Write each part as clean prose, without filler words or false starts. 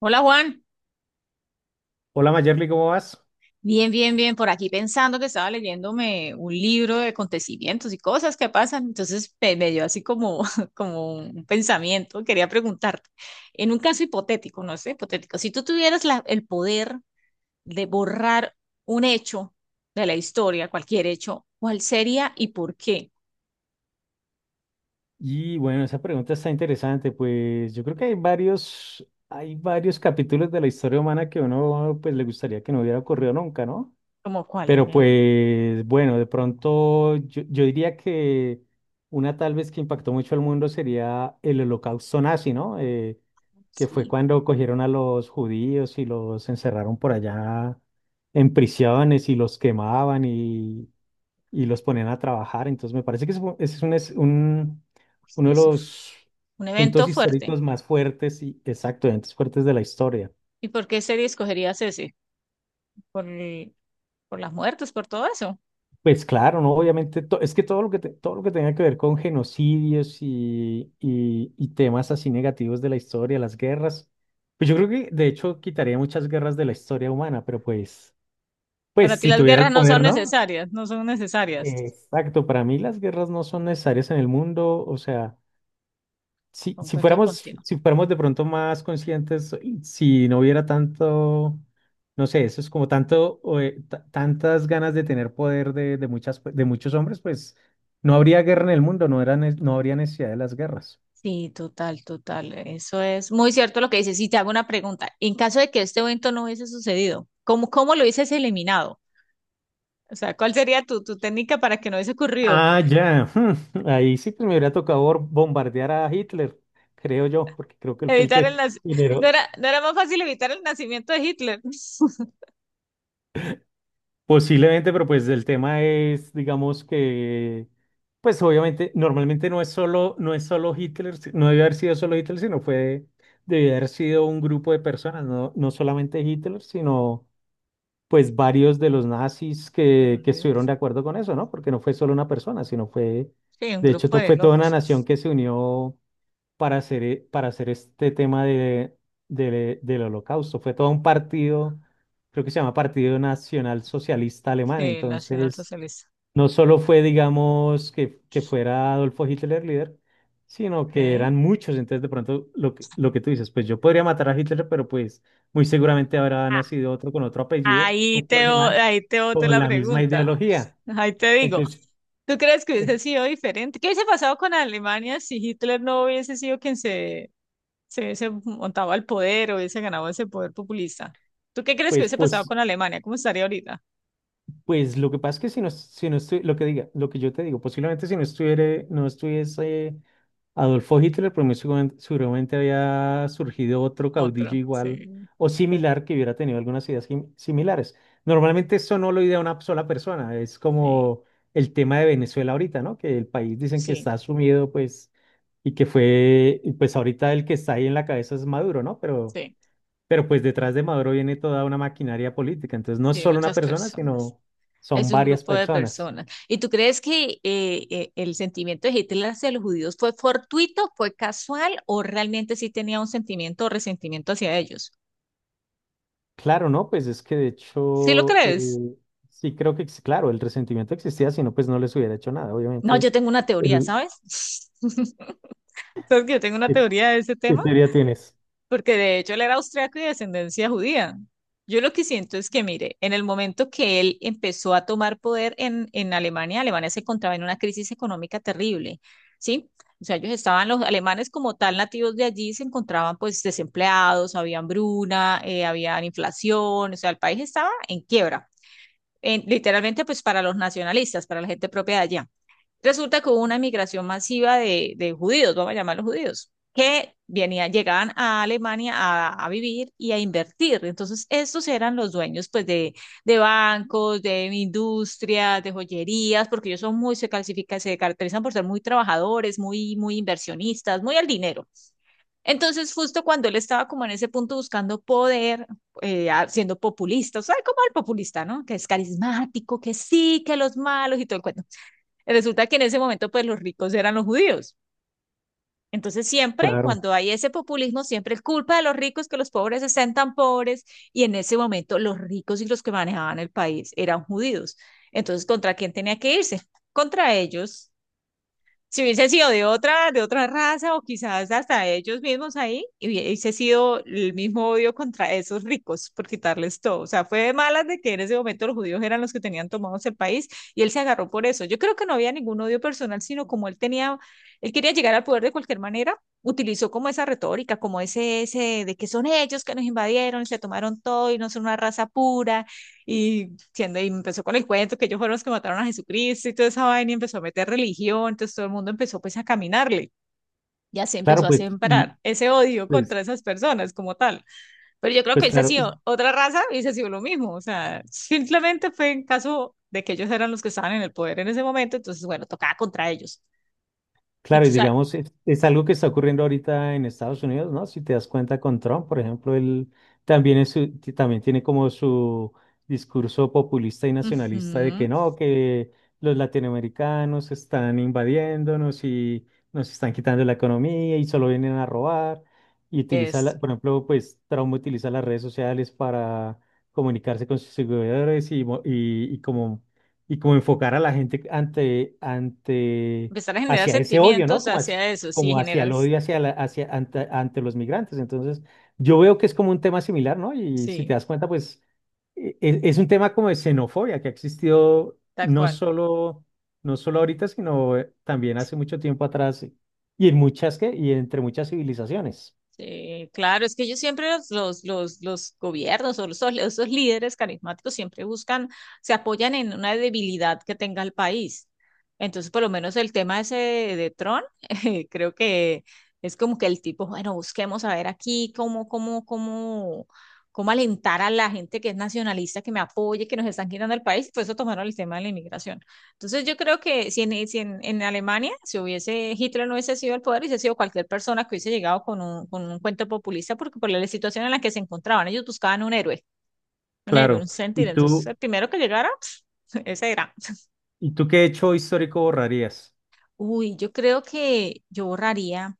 Hola Juan, Hola Mayerly, ¿cómo vas? bien, bien, bien, por aquí pensando que estaba leyéndome un libro de acontecimientos y cosas que pasan, entonces me dio así como, como un pensamiento, quería preguntarte, en un caso hipotético, no sé, hipotético, si tú tuvieras el poder de borrar un hecho de la historia, cualquier hecho, ¿cuál sería y por qué? Y bueno, esa pregunta está interesante, pues yo creo que hay varios capítulos de la historia humana que uno pues le gustaría que no hubiera ocurrido nunca, ¿no? Como cuál, Pero dime uno. pues bueno, de pronto yo diría que una tal vez que impactó mucho al mundo sería el holocausto nazi, ¿no? Que fue Sí, cuando cogieron a los judíos y los encerraron por allá en prisiones y los quemaban y los ponían a trabajar. Entonces me parece que ese es, pues, uno sí, de eso fue los un evento puntos fuerte. históricos más fuertes y exactamente fuertes de la historia. ¿Y por qué serie escogerías ese? ¿Por, por las muertes, por todo eso? Pues claro, ¿no? Obviamente, es que todo lo que, todo lo que tenga que ver con genocidios y temas así negativos de la historia, las guerras, pues yo creo que de hecho quitaría muchas guerras de la historia humana, Para pues ti si las tuviera el guerras no son poder, ¿no? necesarias, no son necesarias. Exacto, para mí las guerras no son necesarias en el mundo, o sea... Concuerdo contigo. si fuéramos de pronto más conscientes, y si no hubiera tanto, no sé, eso es como tanto, tantas ganas de tener poder de muchas, pues, de muchos hombres, pues no habría guerra en el mundo, no habría necesidad de las guerras. Sí, total, total. Eso es muy cierto lo que dices. Si te hago una pregunta, en caso de que este evento no hubiese sucedido, ¿cómo lo hubieses eliminado? O sea, ¿cuál sería tu técnica para que no hubiese ocurrido? Ah, ya. Ahí sí pues me hubiera tocado bombardear a Hitler, creo yo, porque creo que él fue el Evitar el que nac- ¿No generó. era, no era más fácil evitar el nacimiento de Hitler? Posiblemente, pero pues el tema es, digamos que, pues obviamente, normalmente no es solo Hitler, no debe haber sido solo Hitler, sino fue, debe haber sido un grupo de personas, no, no solamente Hitler, sino pues varios de los nazis De los que estuvieron líderes. de acuerdo con eso, ¿no? Porque no fue solo una persona, sino fue, Sí, un de hecho, grupo de fue toda una locos. nación que se unió para hacer este tema de, del holocausto. Fue todo un partido, creo que se llama Partido Nacional Socialista Alemán. Sí, Entonces, nacionalsocialista. no solo fue, digamos, que fuera Adolfo Hitler líder, sino que Ok. eran muchos. Entonces, de pronto, lo que tú dices, pues yo podría matar a Hitler, pero pues muy seguramente habrá Ah, nacido otro con otro apellido, otro alemán, ahí te boto con la la misma pregunta. ideología. Ahí te digo. Entonces, ¿Tú crees que hubiese eh, sido diferente? ¿Qué hubiese pasado con Alemania si Hitler no hubiese sido quien se hubiese montado al poder o hubiese ganado ese poder populista? ¿Tú qué crees que pues, hubiese pasado pues con Alemania? ¿Cómo estaría ahorita? Pues lo que pasa es que si no lo que diga, lo que yo te digo, posiblemente si no estuviera, no estuviese Adolfo Hitler, pero seguramente había surgido otro caudillo Otro. igual Sí. o similar que hubiera tenido algunas ideas similares. Normalmente eso no lo idea una sola persona, es Sí. como el tema de Venezuela ahorita, ¿no? Que el país dicen que Sí. está sumido, pues, y que fue, y pues ahorita el que está ahí en la cabeza es Maduro, ¿no? Sí. Pero pues detrás de Maduro viene toda una maquinaria política, entonces no es Sí, solo una muchas persona, personas. sino Es son un varias grupo de personas. personas. ¿Y tú crees que el sentimiento de Hitler hacia los judíos fue fortuito, fue casual o realmente sí tenía un sentimiento o resentimiento hacia ellos? Claro, ¿no? Pues es que de ¿Sí lo hecho, crees? sí creo que, claro, el resentimiento existía, si no, pues no les hubiera hecho nada, No, obviamente. yo tengo una teoría, El, ¿sabes? Porque yo tengo una ¿Qué, teoría de ese qué tema, teoría tienes? porque de hecho él era austriaco y de descendencia judía. Yo lo que siento es que, mire, en el momento que él empezó a tomar poder en Alemania, Alemania se encontraba en una crisis económica terrible, ¿sí? O sea, ellos estaban, los alemanes como tal nativos de allí, se encontraban pues desempleados, había hambruna, había inflación, o sea, el país estaba en quiebra, literalmente pues para los nacionalistas, para la gente propia de allá. Resulta que hubo una migración masiva de, judíos, vamos a llamarlos judíos, que venían, llegaban a Alemania a vivir y a invertir. Entonces, estos eran los dueños pues, de bancos, de industrias, de joyerías, porque ellos son muy, se clasifican, se caracterizan por ser muy trabajadores, muy, muy inversionistas, muy al dinero. Entonces, justo cuando él estaba como en ese punto buscando poder, siendo populista, o sea, como el populista, ¿no? Que es carismático, que sí, que los malos y todo el cuento. Resulta que en ese momento, pues los ricos eran los judíos. Entonces siempre, Claro, cuando hay ese populismo, siempre es culpa de los ricos que los pobres estén tan pobres y en ese momento los ricos y los que manejaban el país eran judíos. Entonces, ¿contra quién tenía que irse? Contra ellos si hubiese sido de otra raza o quizás hasta ellos mismos ahí, y hubiese sido el mismo odio contra esos ricos por quitarles todo. O sea, fue de malas de que en ese momento los judíos eran los que tenían tomados el país y él se agarró por eso. Yo creo que no había ningún odio personal, sino como él tenía, él quería llegar al poder de cualquier manera, utilizó como esa retórica, como ese, de que son ellos que nos invadieron y se tomaron todo y no son una raza pura y, siendo, y empezó con el cuento que ellos fueron los que mataron a Jesucristo y toda esa vaina y empezó a meter religión, entonces todo el mundo empezó pues a caminarle y así empezó claro, a pues, y sembrar ese odio contra pues, esas personas como tal. Pero yo creo que pues hubiese claro. sido otra raza, hubiese sido lo mismo, o sea, simplemente fue en caso de que ellos eran los que estaban en el poder en ese momento, entonces bueno, tocaba contra ellos. Y Claro, y tú sabes, digamos, es algo que está ocurriendo ahorita en Estados Unidos, ¿no? Si te das cuenta con Trump, por ejemplo, él también, también tiene como su discurso populista y nacionalista de ujú, que no, que los latinoamericanos están invadiéndonos y nos están quitando la economía y solo vienen a robar. Y utiliza, es por ejemplo, pues Trump utiliza las redes sociales para comunicarse con sus seguidores y como enfocar a la gente ante empezar a generar hacia ese odio, ¿no? sentimientos hacia eso, sí, Como hacia el generas, odio hacia, hacia ante los migrantes. Entonces, yo veo que es como un tema similar, ¿no? Y si te sí, das cuenta, pues es un tema como de xenofobia que ha existido tal cual. No solo ahorita, sino también hace mucho tiempo atrás y en muchas civilizaciones. Sí, claro, es que ellos siempre los, los gobiernos o esos líderes carismáticos siempre buscan, se apoyan en una debilidad que tenga el país. Entonces, por lo menos el tema ese de, Tron, creo que es como que el tipo, bueno, busquemos a ver aquí cómo alentar a la gente que es nacionalista, que me apoye, que nos están quitando el país, y por eso tomaron el tema de la inmigración. Entonces yo creo que si en, en Alemania, si hubiese Hitler no hubiese sido el poder, hubiese sido cualquier persona que hubiese llegado con un cuento populista, porque por la situación en la que se encontraban, ellos buscaban un héroe, un héroe, Claro. un ¿Y sentir. Entonces el tú, primero que llegara, ese era. ¿y tú qué hecho histórico borrarías? Uy, yo creo que yo borraría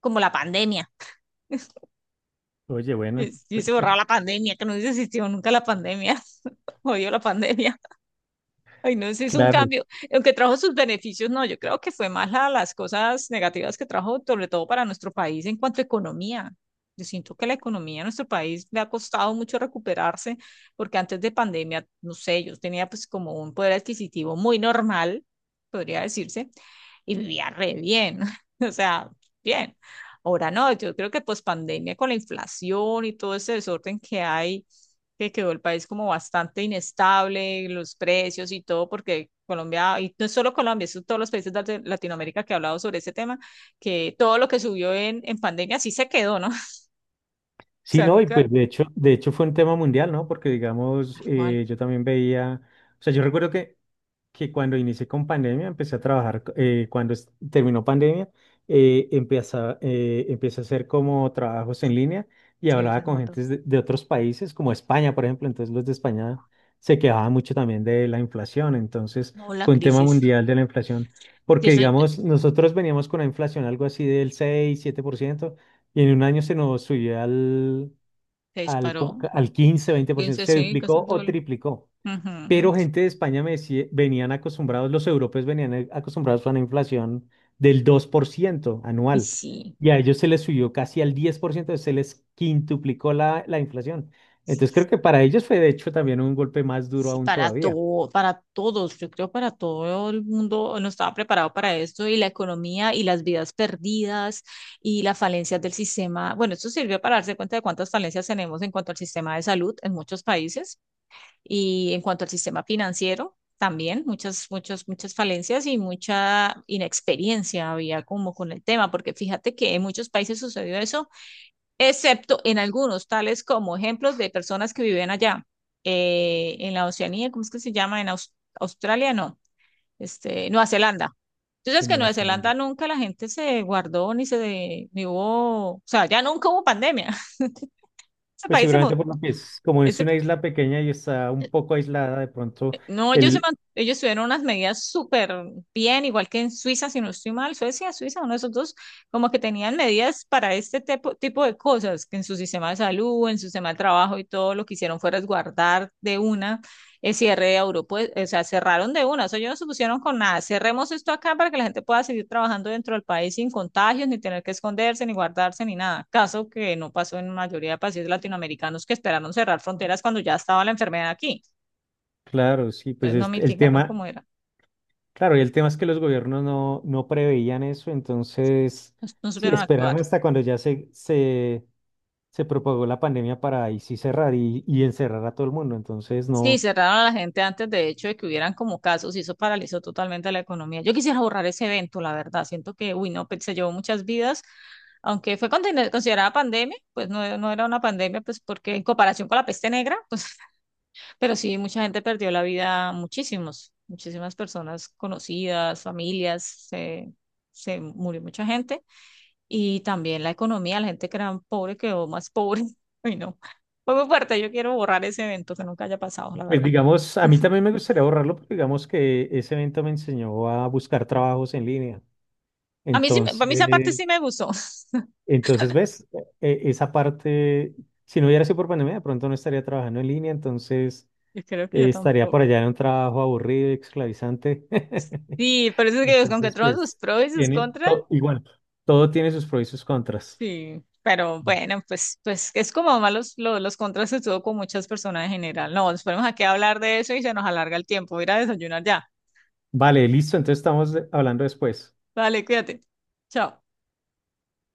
como la pandemia. Oye, bueno, Yo pues, se borraba la pandemia, que no hubiese existido nunca la pandemia. Odio la pandemia. Ay, no, sí es un claro. cambio. Aunque trajo sus beneficios, no, yo creo que fue más las cosas negativas que trajo, sobre todo para nuestro país en cuanto a economía. Yo siento que la economía de nuestro país le ha costado mucho recuperarse, porque antes de pandemia, no sé, yo tenía pues como un poder adquisitivo muy normal, podría decirse, y vivía re bien, o sea, bien. Ahora no, yo creo que pues pandemia con la inflación y todo ese desorden que hay que quedó el país como bastante inestable, los precios y todo, porque Colombia, y no es solo Colombia, son todos los países de Latinoamérica que he hablado sobre ese tema, que todo lo que subió en pandemia sí se quedó, ¿no? O Sí, sea, no, y nunca, pues de hecho fue un tema mundial, ¿no? Porque digamos, tal cual, yo también veía, o sea, yo recuerdo que cuando inicié con pandemia, empecé a trabajar, cuando terminó pandemia, empecé, empecé a hacer como trabajos en línea y se dio hablaba con remoto. gentes de otros países, como España, por ejemplo, entonces los de España se quejaban mucho también de la inflación, entonces No, la fue un tema crisis, mundial de la inflación, sí, porque eso digamos, nosotros veníamos con una inflación algo así del 6 7%, y en un año se nos subió se al, como disparó, que al 15, 20%, 15, se sí, casi duplicó el o doble. triplicó. Ujú. Pero gente de España me decía, venían acostumbrados, los europeos venían acostumbrados a una inflación del 2% Y anual, sí, y a ellos se les subió casi al 10%, se les quintuplicó la inflación. Entonces sí, creo que para ellos fue de hecho también un golpe más duro sí, aún para todavía todo, para todos, yo creo para todo el mundo no estaba preparado para esto y la economía y las vidas perdidas y las falencias del sistema. Bueno, esto sirvió para darse cuenta de cuántas falencias tenemos en cuanto al sistema de salud en muchos países y en cuanto al sistema financiero también, muchas, muchas, muchas falencias y mucha inexperiencia había como con el tema, porque fíjate que en muchos países sucedió eso excepto en algunos, tales como ejemplos de personas que viven allá, en la Oceanía, ¿cómo es que se llama? Australia, no, este, Nueva Zelanda. Entonces, en que en Nueva Nueva Zelanda. Zelanda nunca la gente se guardó ni se, ni hubo, o sea, ya nunca hubo pandemia. Ese Pues país se, seguramente mo- por lo que es, como es ese una isla pequeña y está un poco aislada, de pronto No, ellos, el, ellos tuvieron unas medidas súper bien, igual que en Suiza, si no estoy mal, Suecia, Suiza, uno de esos dos, como que tenían medidas para este tipo, de cosas, que en su sistema de salud, en su sistema de trabajo y todo lo que hicieron fue resguardar de una el cierre de Europa, o sea, cerraron de una, eso ellos no se pusieron con nada, cerremos esto acá para que la gente pueda seguir trabajando dentro del país sin contagios, ni tener que esconderse, ni guardarse, ni nada, caso que no pasó en la mayoría de países latinoamericanos que esperaron cerrar fronteras cuando ya estaba la enfermedad aquí. claro, sí, pues Entonces no es- el mitigaron tema como era, Claro, y el tema es que los gobiernos no, no preveían eso, entonces no, no sí, supieron actuar. esperaron hasta cuando ya se propagó la pandemia para ahí sí cerrar y encerrar a todo el mundo. Entonces, Sí, no, cerraron a la gente antes de hecho de que hubieran como casos y eso paralizó totalmente la economía. Yo quisiera borrar ese evento, la verdad. Siento que, uy, no, pues, se llevó muchas vidas. Aunque fue considerada pandemia, pues no, no era una pandemia, pues porque en comparación con la peste negra, pues, pero sí, mucha gente perdió la vida, muchísimos, muchísimas personas conocidas, familias, se, murió mucha gente. Y también la economía, la gente que era pobre quedó más pobre. Ay, no. Fue muy fuerte, yo quiero borrar ese evento que nunca haya pasado, la pues verdad. digamos, a mí también me gustaría borrarlo, porque digamos que ese evento me enseñó a buscar trabajos en línea. A mí sí, para mí esa parte sí Entonces, me gustó. entonces ves, esa parte, si no hubiera sido por pandemia, de pronto no estaría trabajando en línea, entonces Yo creo que yo estaría por tampoco. allá en un trabajo aburrido y esclavizante. Sí, pero eso es que con que Entonces, todos sus pues, pros y sus tiene contras, todo, igual, todo tiene sus pros y sus contras. sí. Pero bueno, pues, es como más los, los contras que tuvo con muchas personas en general. No, nos ponemos aquí a hablar de eso y se nos alarga el tiempo. Voy a ir a desayunar ya. Vale, listo, entonces estamos hablando después. Vale, cuídate. Chao.